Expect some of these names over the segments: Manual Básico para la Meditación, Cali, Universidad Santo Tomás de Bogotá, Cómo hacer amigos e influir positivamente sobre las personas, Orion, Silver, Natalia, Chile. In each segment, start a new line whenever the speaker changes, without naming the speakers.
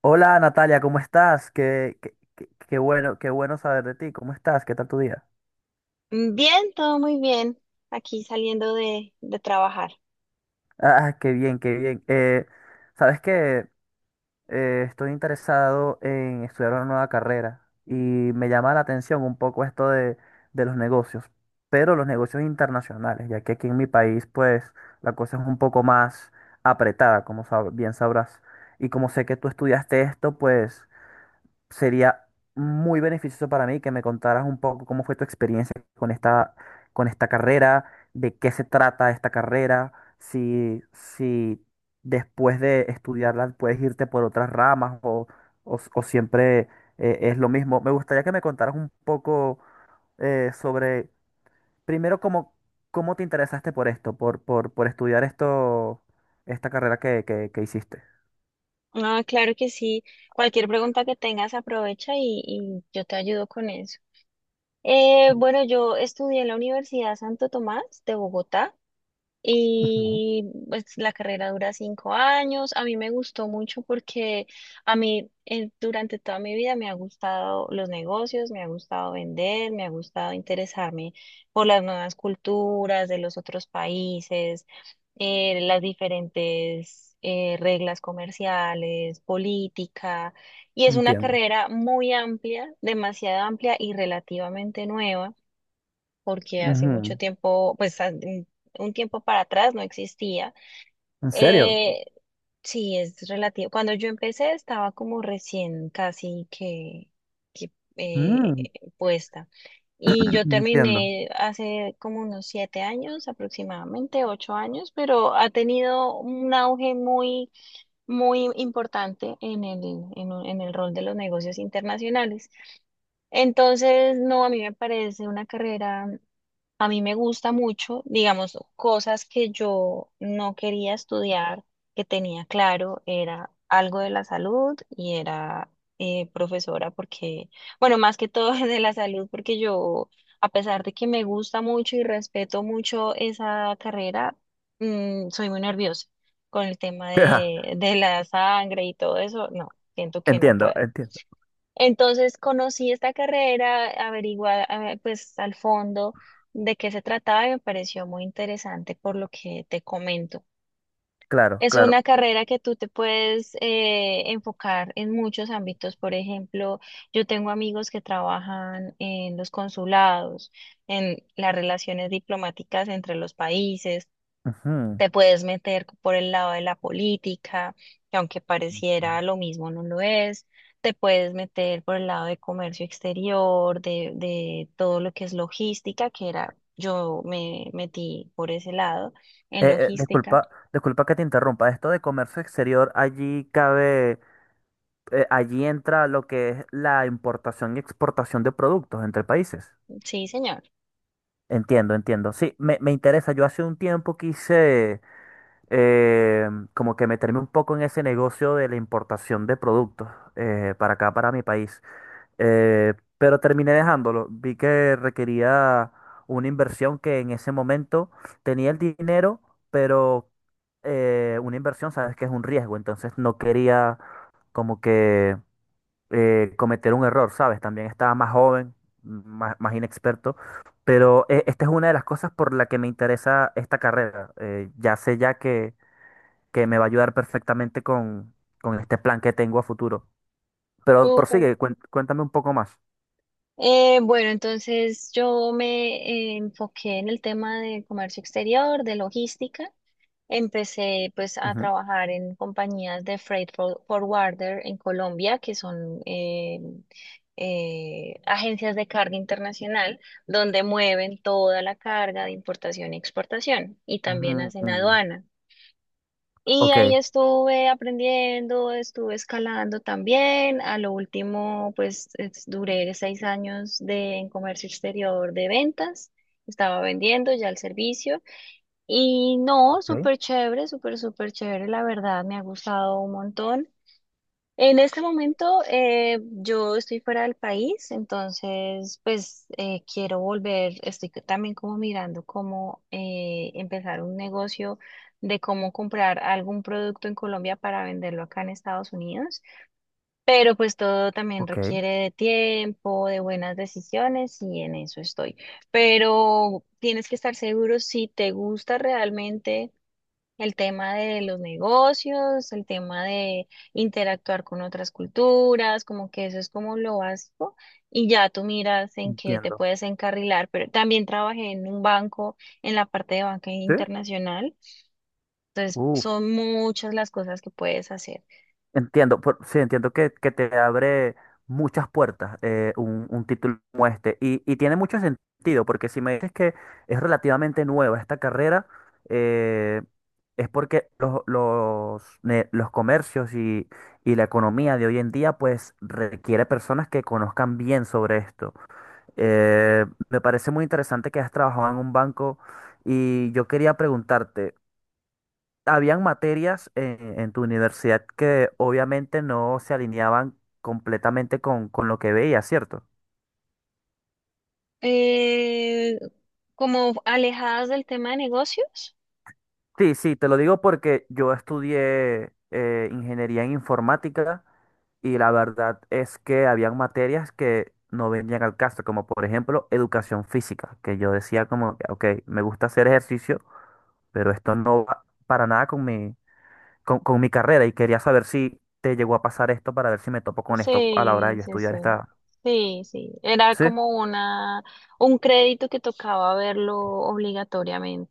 Hola Natalia, ¿cómo estás? Qué bueno, qué bueno saber de ti. ¿Cómo estás? ¿Qué tal tu día?
Bien, todo muy bien. Aquí saliendo de trabajar.
Ah, qué bien, qué bien. Sabes que estoy interesado en estudiar una nueva carrera y me llama la atención un poco esto de los negocios, pero los negocios internacionales, ya que aquí en mi país, pues, la cosa es un poco más apretada, como bien sabrás. Y como sé que tú estudiaste esto, pues, sería muy beneficioso para mí que me contaras un poco cómo fue tu experiencia con esta carrera, de qué se trata esta carrera, si después de estudiarla puedes irte por otras ramas o siempre es lo mismo. Me gustaría que me contaras un poco sobre, primero, cómo te interesaste por esto, por estudiar esto, esta carrera que hiciste.
Ah, claro que sí. Cualquier pregunta que tengas, aprovecha y yo te ayudo con eso. Bueno, yo estudié en la Universidad Santo Tomás de Bogotá.
Ujú.
Y pues la carrera dura 5 años. A mí me gustó mucho porque a mí durante toda mi vida me ha gustado los negocios, me ha gustado vender, me ha gustado interesarme por las nuevas culturas de los otros países, las diferentes reglas comerciales, política. Y es una
Entiendo.
carrera muy amplia, demasiado amplia y relativamente nueva porque hace mucho
Ujú.
tiempo, pues un tiempo para atrás no existía.
¿En serio?
Eh, sí, es relativo. Cuando yo empecé estaba como recién casi que, eh,
Mm.
puesta. Y yo
Entiendo.
terminé hace como unos 7 años, aproximadamente 8 años, pero ha tenido un auge muy, muy importante en en el rol de los negocios internacionales. Entonces, no, a mí me parece una carrera, a mí me gusta mucho, digamos, cosas que yo no quería estudiar, que tenía claro, era algo de la salud y era profesora, porque, bueno, más que todo de la salud, porque yo, a pesar de que me gusta mucho y respeto mucho esa carrera, mm, soy muy nerviosa con el tema de la sangre y todo eso, no, siento que no
Entiendo,
puedo.
entiendo.
Entonces conocí esta carrera, averiguada, pues al fondo de qué se trataba y me pareció muy interesante por lo que te comento.
Claro,
Es
claro.
una carrera que tú te puedes enfocar en muchos ámbitos. Por ejemplo, yo tengo amigos que trabajan en los consulados, en las relaciones diplomáticas entre los países.
Ujú.
Te puedes meter por el lado de la política, que aunque pareciera lo mismo, no lo es. Te puedes meter por el lado de comercio exterior, de todo lo que es logística, que era, yo me metí por ese lado en logística.
Disculpa que te interrumpa. Esto de comercio exterior, allí entra lo que es la importación y exportación de productos entre países.
Sí, señor.
Entiendo, entiendo. Sí, me interesa. Yo hace un tiempo quise eh, como que meterme un poco en ese negocio de la importación de productos para acá, para mi país. Pero terminé dejándolo. Vi que requería una inversión que en ese momento tenía el dinero, pero una inversión, sabes que es un riesgo, entonces no quería como que cometer un error, ¿sabes? También estaba más joven, más inexperto, pero esta es una de las cosas por la que me interesa esta carrera. Ya sé ya que me va a ayudar perfectamente con, este plan que tengo a futuro. Pero
Súper.
prosigue, cuéntame un poco más.
Bueno, entonces yo me enfoqué en el tema de comercio exterior, de logística. Empecé pues a trabajar en compañías de freight forwarder en Colombia, que son agencias de carga internacional, donde mueven toda la carga de importación y exportación y también hacen
Mm.
aduana. Y
Ok,
ahí estuve aprendiendo, estuve escalando también. A lo último, pues duré 6 años de, en comercio exterior de ventas. Estaba vendiendo ya el servicio. Y no,
ok,
súper chévere, súper, súper chévere, la verdad, me ha gustado un montón. En este momento yo estoy fuera del país, entonces pues quiero volver, estoy también como mirando cómo empezar un negocio de cómo comprar algún producto en Colombia para venderlo acá en Estados Unidos, pero pues todo también
ok,
requiere de tiempo, de buenas decisiones y en eso estoy. Pero tienes que estar seguro si te gusta realmente el tema de los negocios, el tema de interactuar con otras culturas, como que eso es como lo básico y ya tú miras en qué te
entiendo.
puedes encarrilar, pero también trabajé en un banco, en la parte de banca
¿Sí?
internacional, entonces
Uf.
son muchas las cosas que puedes hacer.
Entiendo, sí, entiendo que te abre muchas puertas un título como este. Y tiene mucho sentido, porque si me dices que es relativamente nueva esta carrera, eh, es porque los comercios y la economía de hoy en día, pues requiere personas que conozcan bien sobre esto. Eh, Me parece muy interesante que has trabajado en un banco y yo quería preguntarte habían materias en, tu universidad que obviamente no se alineaban completamente con lo que veías, ¿cierto?
Eh, como alejadas del tema de negocios,
Sí, sí, te lo digo porque yo estudié ingeniería en informática y la verdad es que habían materias que no venían al caso, como por ejemplo educación física, que yo decía como, que, ok, me gusta hacer ejercicio, pero esto no va para nada con mi carrera y quería saber si te llegó a pasar esto para ver si me topo con esto a la hora de
sí,
yo
sí, sí.
estudiar esta...
Sí, sí, era
¿Sí?
como una, un crédito que tocaba verlo obligatoriamente.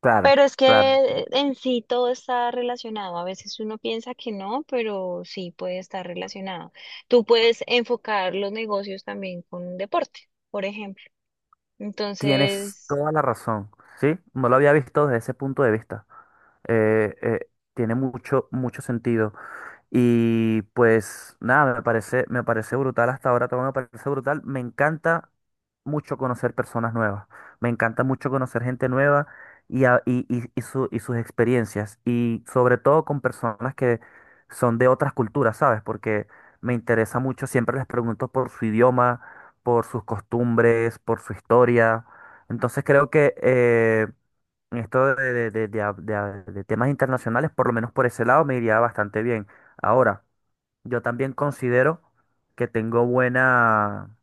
Claro,
Pero es
claro,
que en sí todo está relacionado. A veces uno piensa que no, pero sí puede estar relacionado. Tú puedes enfocar los negocios también con un deporte, por ejemplo.
tienes
Entonces,
toda la razón, ¿sí? No lo había visto desde ese punto de vista. Eh, eh, Tiene mucho, mucho sentido. Y pues nada, me parece brutal hasta ahora, todo me parece brutal. Me encanta mucho conocer personas nuevas, me encanta mucho conocer gente nueva y sus experiencias. Y sobre todo con personas que son de otras culturas, ¿sabes? Porque me interesa mucho, siempre les pregunto por su idioma, por sus costumbres, por su historia. Entonces creo que esto de temas internacionales, por lo menos por ese lado, me iría bastante bien. Ahora, yo también considero que tengo buena,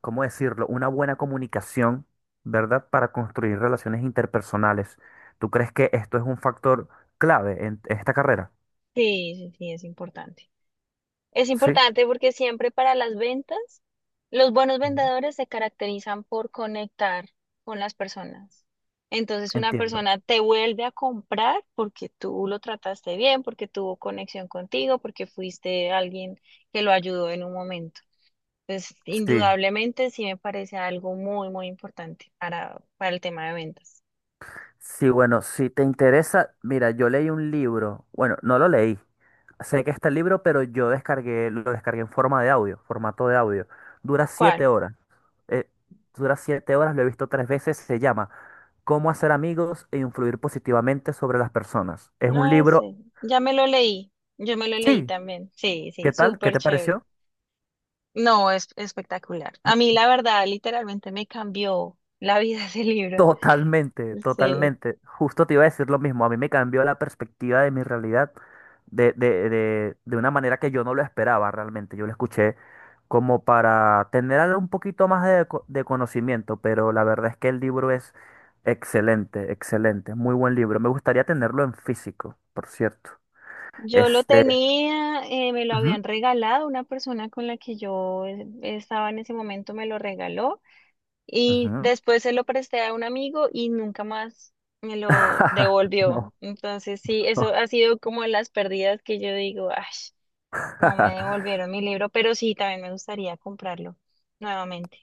¿cómo decirlo? Una buena comunicación, ¿verdad? Para construir relaciones interpersonales. ¿Tú crees que esto es un factor clave en esta carrera?
sí, sí, sí, es importante. Es
Sí.
importante porque siempre para las ventas, los buenos
Ujú.
vendedores se caracterizan por conectar con las personas. Entonces una
Entiendo.
persona te vuelve a comprar porque tú lo trataste bien, porque tuvo conexión contigo, porque fuiste alguien que lo ayudó en un momento. Entonces,
Sí.
indudablemente sí me parece algo muy, muy importante para el tema de ventas.
Sí, bueno, si te interesa, mira, yo leí un libro, bueno, no lo leí, sé que está el libro, pero yo descargué, lo descargué en forma de audio, formato de audio. Dura
¿Cuál?
siete horas, eh, dura 7 horas, lo he visto tres veces, se llama Cómo hacer amigos e influir positivamente sobre las personas. Es un
No
libro,
sé, ya me lo leí, yo me lo leí
sí,
también. Sí,
¿qué
sí,
tal? ¿Qué
súper
te
chévere.
pareció?
No, es espectacular. A mí, la verdad, literalmente me cambió la vida ese libro.
Totalmente,
Sí.
totalmente. Justo te iba a decir lo mismo. A mí me cambió la perspectiva de mi realidad de una manera que yo no lo esperaba realmente. Yo lo escuché como para tener algo un poquito más de, de conocimiento, pero la verdad es que el libro es excelente, excelente. Muy buen libro. Me gustaría tenerlo en físico, por cierto.
Yo lo
Este.
tenía, me lo habían
Ujú.
regalado, una persona con la que yo estaba en ese momento me lo regaló y
Ujú.
después se lo presté a un amigo y nunca más me lo devolvió.
No.
Entonces, sí, eso ha sido como de las pérdidas que yo digo, ay, no me devolvieron mi libro, pero sí, también me gustaría comprarlo nuevamente.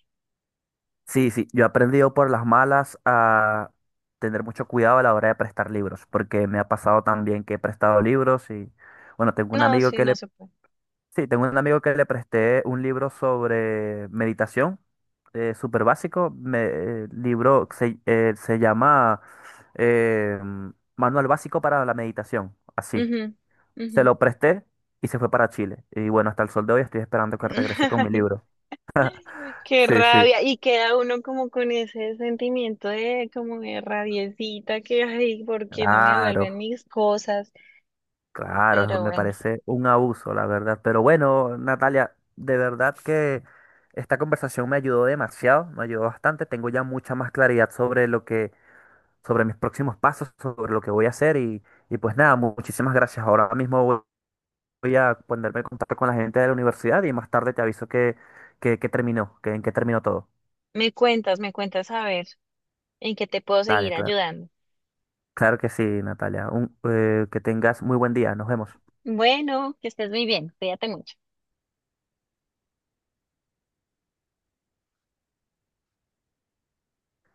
Sí, sí, yo he aprendido por las malas a tener mucho cuidado a la hora de prestar libros, porque me ha pasado también que he prestado libros y, bueno, tengo un
No,
amigo
sí,
que
no
le,
se puede.
sí, tengo un amigo que le presté un libro sobre meditación, súper básico, libro se llama eh, Manual Básico para la Meditación, así.
Ujú,
Se
ujú.
lo presté y se fue para Chile. Y bueno, hasta el sol de hoy estoy esperando que regrese con mi
Ay,
libro.
qué
Sí, sí.
rabia. Y queda uno como con ese sentimiento de como de rabiecita que, ay, ¿por qué no me
Claro.
devuelven mis cosas?
Claro, eso
Pero
me
bueno,
parece un abuso, la verdad. Pero bueno, Natalia, de verdad que esta conversación me ayudó demasiado, me ayudó bastante. Tengo ya mucha más claridad sobre lo que, sobre mis próximos pasos, sobre lo que voy a hacer y pues nada, muchísimas gracias. Ahora mismo voy a ponerme en contacto con la gente de la universidad y más tarde te aviso que, que terminó, que en qué terminó todo.
me cuentas a ver en qué te puedo seguir
Dale, claro.
ayudando.
Claro que sí, Natalia. Que tengas muy buen día. Nos vemos.
Bueno, que estés muy bien. Cuídate mucho.